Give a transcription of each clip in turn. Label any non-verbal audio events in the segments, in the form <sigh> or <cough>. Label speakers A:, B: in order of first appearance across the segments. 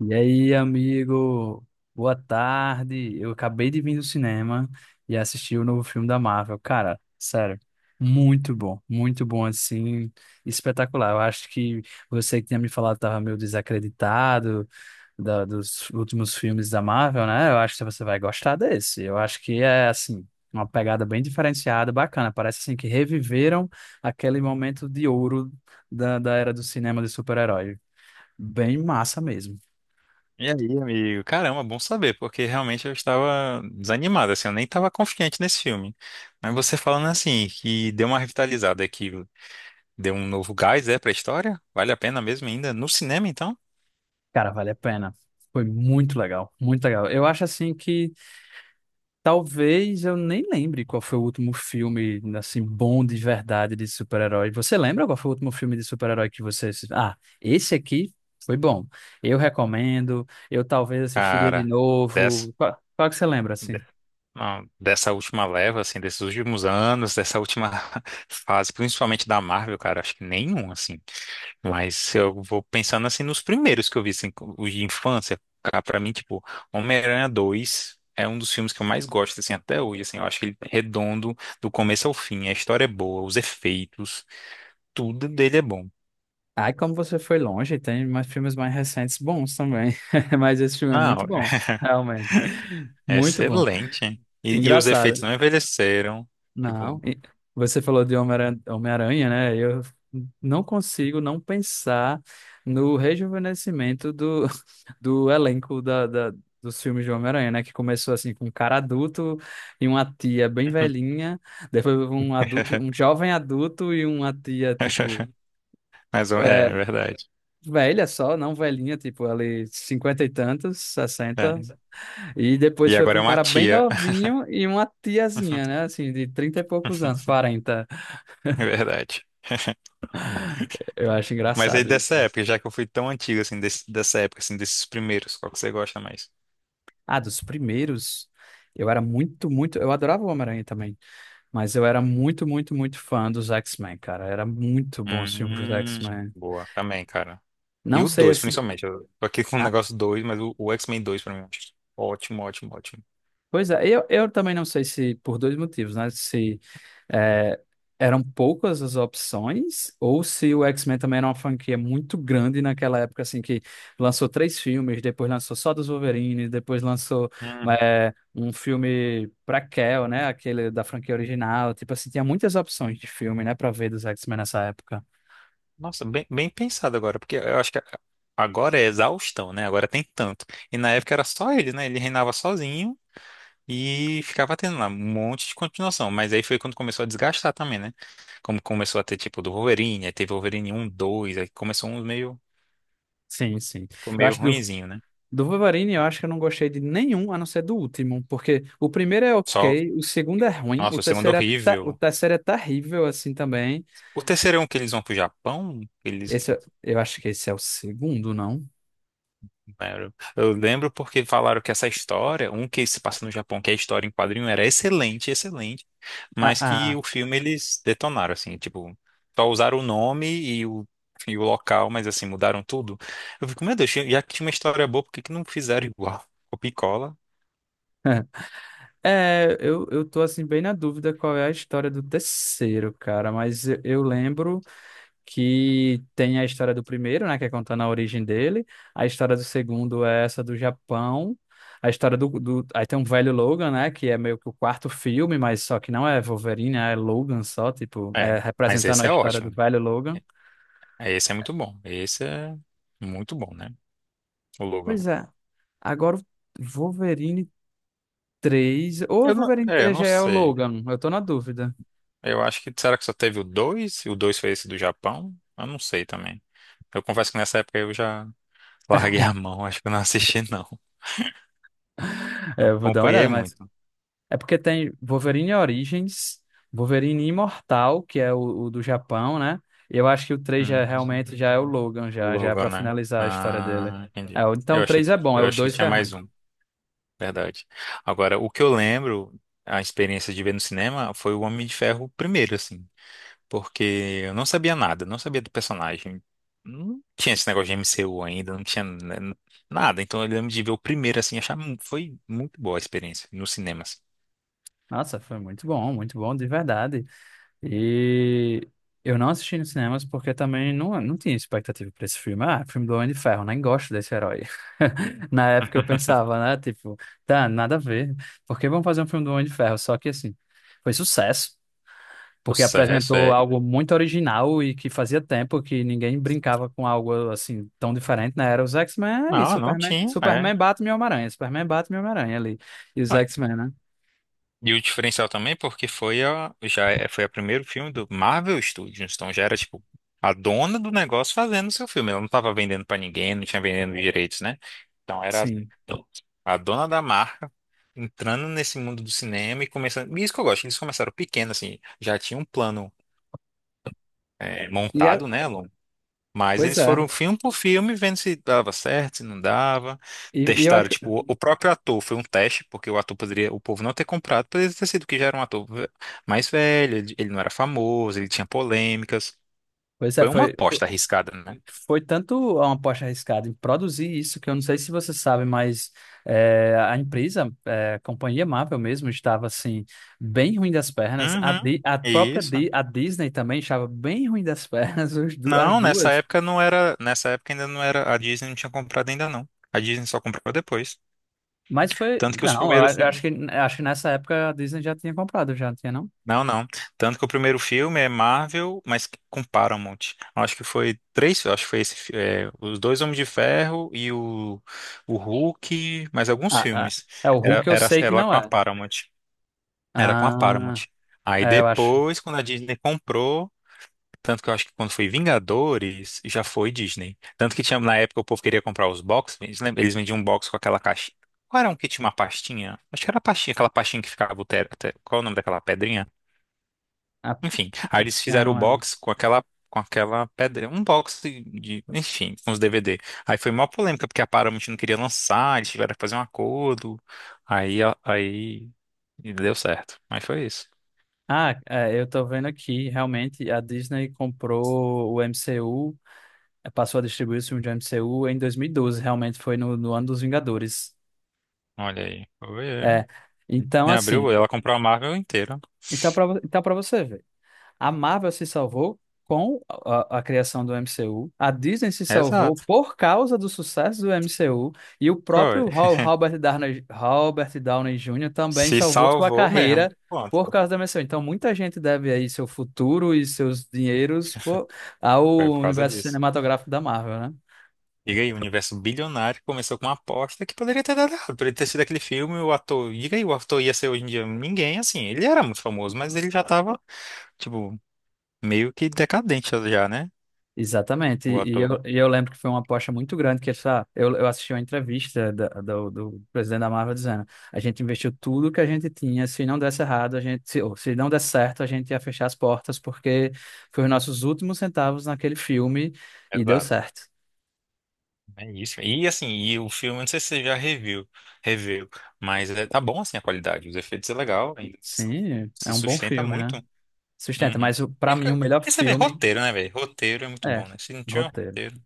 A: E aí, amigo? Boa tarde. Eu acabei de vir do cinema e assisti o novo filme da Marvel. Cara, sério, muito bom assim, espetacular. Eu acho que você que tinha me falado estava meio desacreditado dos últimos filmes da Marvel, né? Eu acho que você vai gostar desse. Eu acho que é assim, uma pegada bem diferenciada, bacana. Parece assim que reviveram aquele momento de ouro da era do cinema de super-herói. Bem massa mesmo.
B: E aí, amigo? Caramba, bom saber, porque realmente eu estava desanimado, assim, eu nem estava confiante nesse filme. Mas você falando assim, que deu uma revitalizada, que deu um novo gás, é, pra história? Vale a pena mesmo ainda? No cinema, então?
A: Cara, vale a pena. Foi muito legal, muito legal. Eu acho assim que talvez eu nem lembre qual foi o último filme assim bom de verdade de super-herói. Você lembra qual foi o último filme de super-herói que você Ah, esse aqui foi bom. Eu recomendo. Eu talvez assistiria de
B: Cara, dessa,
A: novo. Qual, qual que você lembra assim?
B: de- não, dessa última leva, assim, desses últimos anos, dessa última <laughs> fase, principalmente da Marvel, cara, acho que nenhum, assim. Mas eu vou pensando assim nos primeiros que eu vi, assim, os de infância, cara, pra mim, tipo, Homem-Aranha 2 é um dos filmes que eu mais gosto, assim, até hoje, assim, eu acho que ele é redondo do começo ao fim, a história é boa, os efeitos, tudo dele é bom.
A: Ai, como você foi longe, tem mais filmes mais recentes bons também. <laughs> Mas esse filme é muito
B: Não,
A: bom, realmente.
B: é
A: Muito bom.
B: excelente, hein? E os efeitos
A: Engraçado.
B: não envelheceram,
A: Não.
B: tipo...
A: E você falou de Homem-Aranha, Homem-Aranha, né? Eu não consigo não pensar no rejuvenescimento <laughs> do elenco dos filmes de Homem-Aranha, né? Que começou assim com um cara adulto e uma tia bem velhinha, depois um adulto, um
B: <laughs>
A: jovem adulto e uma tia, tipo,
B: Mas é,
A: é,
B: é verdade.
A: velha só, não velhinha, tipo, ali cinquenta e tantos,
B: É.
A: sessenta, e depois
B: E
A: foi para
B: agora é
A: um
B: uma
A: cara bem
B: tia,
A: novinho e uma tiazinha,
B: <laughs>
A: né? Assim, de trinta e poucos anos, 40.
B: é verdade.
A: Eu acho
B: Mas aí
A: engraçado
B: dessa
A: isso.
B: época, já que eu fui tão antigo assim, dessa época, assim, desses primeiros, qual que você gosta mais?
A: Ah, dos primeiros, eu era muito, muito. Eu adorava o Homem-Aranha também, mas eu era muito, muito, muito fã dos X-Men, cara. Era muito bom os filmes dos
B: Hum,
A: X-Men.
B: boa, também, cara. E
A: Não
B: o
A: sei
B: 2
A: esse.
B: principalmente. Eu tô aqui com o negócio 2 mas o X-Men 2 pra mim. Ótimo, ótimo, ótimo.
A: Pois é, eu também não sei se por dois motivos, né? Se é, eram poucas as opções, ou se o X-Men também era uma franquia muito grande naquela época, assim, que lançou três filmes, depois lançou só dos Wolverine, depois lançou
B: Hum,
A: é, um filme pra Kell, né? Aquele da franquia original. Tipo assim, tinha muitas opções de filme, né, pra ver dos X-Men nessa época.
B: nossa, bem, bem pensado agora, porque eu acho que agora é exaustão, né? Agora tem tanto. E na época era só ele, né? Ele reinava sozinho e ficava tendo lá um monte de continuação. Mas aí foi quando começou a desgastar também, né? Como começou a ter tipo do Wolverine, aí teve Wolverine um 2 aí começou uns meio.
A: Sim, sim.
B: Ficou
A: Eu
B: meio
A: acho que do
B: ruinzinho, né?
A: Do Wolverine, eu acho que eu não gostei de nenhum, a não ser do último, porque o primeiro é
B: Só,
A: ok, o segundo é ruim, o
B: nossa, o segundo
A: terceiro é, o
B: horrível.
A: terceiro é terrível, assim, também.
B: O terceiro é um que eles vão pro Japão? Eles,
A: Esse, eu acho que esse é o segundo, não?
B: eu lembro porque falaram que essa história, um que se passa no Japão, que é a história em quadrinho, era excelente, excelente,
A: Ah,
B: mas que
A: ah.
B: o filme eles detonaram, assim, tipo, só usaram o nome e o local, mas assim, mudaram tudo. Eu fico, meu Deus, já que tinha uma história boa, por que que não fizeram igual? Copia e cola.
A: É, eu tô, assim, bem na dúvida qual é a história do terceiro, cara, mas eu lembro que tem a história do primeiro, né, que é contando a origem dele, a história do segundo é essa do Japão, a história do. Aí tem um velho Logan, né, que é meio que o quarto filme, mas só que não é Wolverine, é Logan só, tipo, é
B: É, mas
A: representando
B: esse
A: a
B: é
A: história do
B: ótimo.
A: velho Logan.
B: Esse é muito bom. Esse é muito bom, né? O Logan.
A: Pois é, agora o Wolverine três ou o
B: Eu não,
A: Wolverine
B: é, eu
A: três
B: não
A: já é o
B: sei.
A: Logan, eu tô na dúvida.
B: Eu acho que será que só teve o 2 e o 2 foi esse do Japão? Eu não sei também. Eu confesso que nessa época eu já larguei a mão, acho que eu não assisti <laughs> não. Não
A: É, eu vou dar uma olhada,
B: acompanhei
A: mas
B: muito.
A: é porque tem Wolverine Origins, Wolverine Imortal, que é o do Japão, né? E eu acho que o três já,
B: Hum.
A: é, realmente já é o Logan,
B: O
A: já, já é
B: Logo,
A: pra
B: né?
A: finalizar a história dele.
B: Ah, entendi.
A: É, então
B: Eu
A: o
B: achei
A: 3
B: que
A: é bom, é
B: eu
A: o
B: achei que
A: 2 que
B: tinha
A: é ruim.
B: mais um, verdade. Agora, o que eu lembro, a experiência de ver no cinema foi o Homem de Ferro primeiro, assim, porque eu não sabia nada, não sabia do personagem. Não tinha esse negócio de MCU ainda, não tinha né, nada. Então eu lembro de ver o primeiro assim, foi muito boa a experiência nos cinemas.
A: Nossa, foi muito bom, de verdade. E eu não assisti nos cinemas porque também não tinha expectativa pra esse filme. Ah, filme do Homem de Ferro, nem gosto desse herói. <laughs> Na época eu
B: <laughs>
A: pensava, né? Tipo, tá, nada a ver. Por que vão fazer um filme do Homem de Ferro? Só que assim, foi sucesso. Porque
B: Sucesso,
A: apresentou
B: é.
A: algo muito original e que fazia tempo que ninguém brincava com algo assim tão diferente, né? Era os X-Men e
B: Não, não
A: Superman.
B: tinha, é.
A: Superman bate meu Homem-Aranha. Superman bate meu Homem-Aranha ali. E os
B: Ah,
A: X-Men, né?
B: e o diferencial também porque foi foi o primeiro filme do Marvel Studios, então já era tipo a dona do negócio fazendo o seu filme. Ela não tava vendendo pra ninguém, não tinha vendendo direitos, né? Então era
A: Sim.
B: a dona da marca entrando nesse mundo do cinema e começando. E isso que eu gosto, eles começaram pequeno, assim, já tinha um plano, é,
A: E é,
B: montado, né, Alon? Mas
A: pois
B: eles
A: é.
B: foram filme por filme, vendo se dava certo, se não dava.
A: E, e eu,
B: Testaram,
A: ac-
B: tipo, o próprio ator foi um teste, porque o ator poderia, o povo não ter comprado, poderia ter sido que já era um ator mais velho, ele não era famoso, ele tinha polêmicas.
A: Pois é,
B: Foi uma aposta arriscada, né?
A: foi tanto uma aposta arriscada em produzir isso que eu não sei se você sabe, mas é, a empresa, é, a companhia Marvel mesmo, estava assim, bem ruim das pernas.
B: Uhum.
A: A própria
B: Isso.
A: A Disney também estava bem ruim das <laughs> pernas, as
B: Não, nessa
A: duas.
B: época não era, nessa época ainda não era, a Disney não tinha comprado ainda não. A Disney só comprou depois.
A: Mas foi.
B: Tanto que os
A: Não, eu
B: primeiros. Fi-
A: acho que nessa época a Disney já tinha comprado, já tinha, não?
B: Não, não. Tanto que o primeiro filme é Marvel, mas com Paramount. Acho que foi três. Acho que foi é, os dois Homens de Ferro e o Hulk, mas alguns
A: Ah, ah,
B: filmes.
A: é, o Hulk eu sei que
B: Era
A: não
B: com a
A: é.
B: Paramount. Era com a
A: Ah,
B: Paramount. Aí
A: é, eu acho.
B: depois, quando a Disney comprou. Tanto que eu acho que quando foi Vingadores, já foi Disney. Tanto que tinha, na época o povo queria comprar os boxes. Eles, eles vendiam um box com aquela caixa. Qual era um que tinha uma pastinha? Acho que era a pastinha, aquela pastinha que ficava o qual é o nome daquela pedrinha?
A: Ah,
B: Enfim, aí eles
A: é,
B: fizeram o
A: não é.
B: box com aquela pedra, um box enfim, com os DVD. Aí foi uma polêmica porque a Paramount não queria lançar, eles tiveram que fazer um acordo. Aí a- aí e deu certo. Mas foi isso.
A: Ah, é, eu tô vendo aqui, realmente, a Disney comprou o MCU, passou a distribuir os filmes de MCU em 2012. Realmente foi no ano dos Vingadores.
B: Olha aí. Foi, é.
A: É, então
B: Me abriu,
A: assim,
B: ela comprou a Marvel inteira.
A: então pra, então para você ver. A Marvel se salvou com criação do MCU. A Disney se salvou
B: Exato.
A: por causa do sucesso do MCU. E o
B: Foi.
A: próprio Robert Downey, Robert Downey Jr. também
B: Se
A: salvou sua
B: salvou mesmo.
A: carreira por
B: Pronto.
A: causa da MCU. Então, muita gente deve aí seu futuro e seus dinheiros ao
B: Foi por causa
A: universo
B: disso.
A: cinematográfico da Marvel, né?
B: Diga aí, um universo bilionário começou com uma aposta que poderia ter dado errado. Poderia ter sido aquele filme, o ator. Diga aí, o ator ia ser hoje em dia ninguém, assim. Ele era muito famoso, mas ele já tava, tipo, meio que decadente já, né?
A: Exatamente.
B: O
A: E, e
B: ator.
A: eu, e eu lembro que foi uma aposta muito grande que essa, eu assisti uma entrevista do presidente da Marvel dizendo, a gente investiu tudo que a gente tinha, se não desse errado, a gente, se, ou se não desse certo, a gente ia fechar as portas porque foi os nossos últimos centavos naquele filme e deu
B: Exato.
A: certo.
B: É isso. E assim, e o filme, não sei se você já reviu, mas é, tá bom assim a qualidade. Os efeitos é legal, ainda se
A: Sim, é
B: se
A: um bom
B: sustenta
A: filme, né?
B: muito.
A: Sustenta, mas
B: Uhum.
A: para
B: E, co-
A: mim o melhor
B: e você vê,
A: filme
B: roteiro, né, velho? Roteiro é muito
A: é
B: bom, né? Se não tiver um
A: roteiro.
B: roteiro,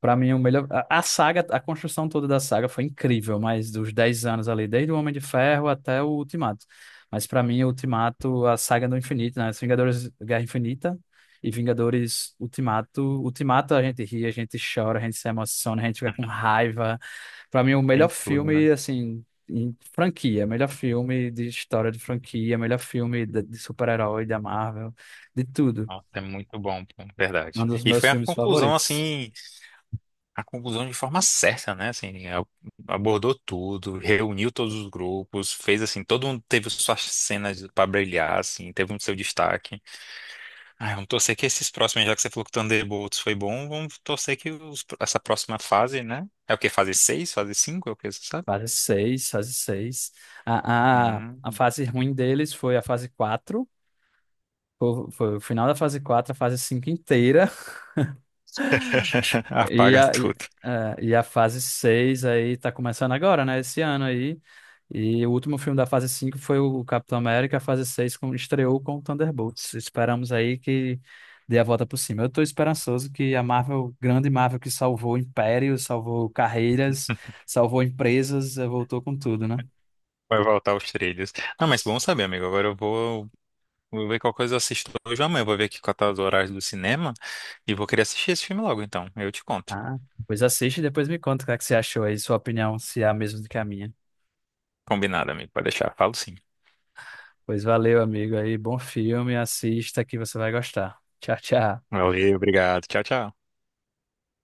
A: Pra mim, é o melhor. A saga, a construção toda da saga foi incrível, mas dos 10 anos ali, desde o Homem de Ferro até o Ultimato. Mas pra mim, o Ultimato, a saga do infinito, né? Os Vingadores Guerra Infinita e Vingadores Ultimato. Ultimato a gente ri, a gente chora, a gente se emociona, a gente fica com
B: <laughs>
A: raiva. Pra mim, o melhor
B: tem tudo, né?
A: filme, assim, em franquia, melhor filme de história de franquia, melhor filme de super-herói da Marvel, de tudo.
B: Nossa, é muito bom, pô,
A: Um
B: verdade.
A: dos
B: E
A: meus
B: foi a
A: filmes
B: conclusão,
A: favoritos.
B: assim, a conclusão de forma certa, né? Assim, abordou tudo, reuniu todos os grupos, fez assim, todo mundo teve suas cenas para brilhar, assim, teve um seu destaque. Ah, vamos torcer que esses próximos, já que você falou que o Thunderbolts foi bom, vamos torcer que essa próxima fase, né? É o que? Fase 6, fase 5, é o que você sabe?
A: Fase 6, a
B: Hum.
A: fase ruim deles foi a fase 4, foi o final da fase 4, a fase 5 inteira.
B: <laughs>
A: E
B: Apaga
A: a, e,
B: tudo.
A: e a fase 6 aí tá começando agora, né? Esse ano aí. E o último filme da fase 5 foi o Capitão América, a fase 6 com, estreou com o Thunderbolts. Esperamos aí que dê a volta por cima. Eu tô esperançoso que a Marvel, grande Marvel que salvou impérios, salvou carreiras, salvou empresas, voltou com tudo, né?
B: Vai voltar aos trilhos. Não, mas bom saber, amigo. Agora eu vou ver qual coisa eu assisto hoje ou amanhã. Vou ver aqui quais tá os horários do cinema e vou querer assistir esse filme logo, então. Eu te conto.
A: Ah, pois assiste e depois me conta o que é que você achou aí, sua opinião, se é a mesma do que a minha.
B: Combinado, amigo. Pode deixar. Falo sim.
A: Pois valeu, amigo aí, bom filme, assista que você vai gostar. Tchau, tchau.
B: Valeu, obrigado. Tchau, tchau.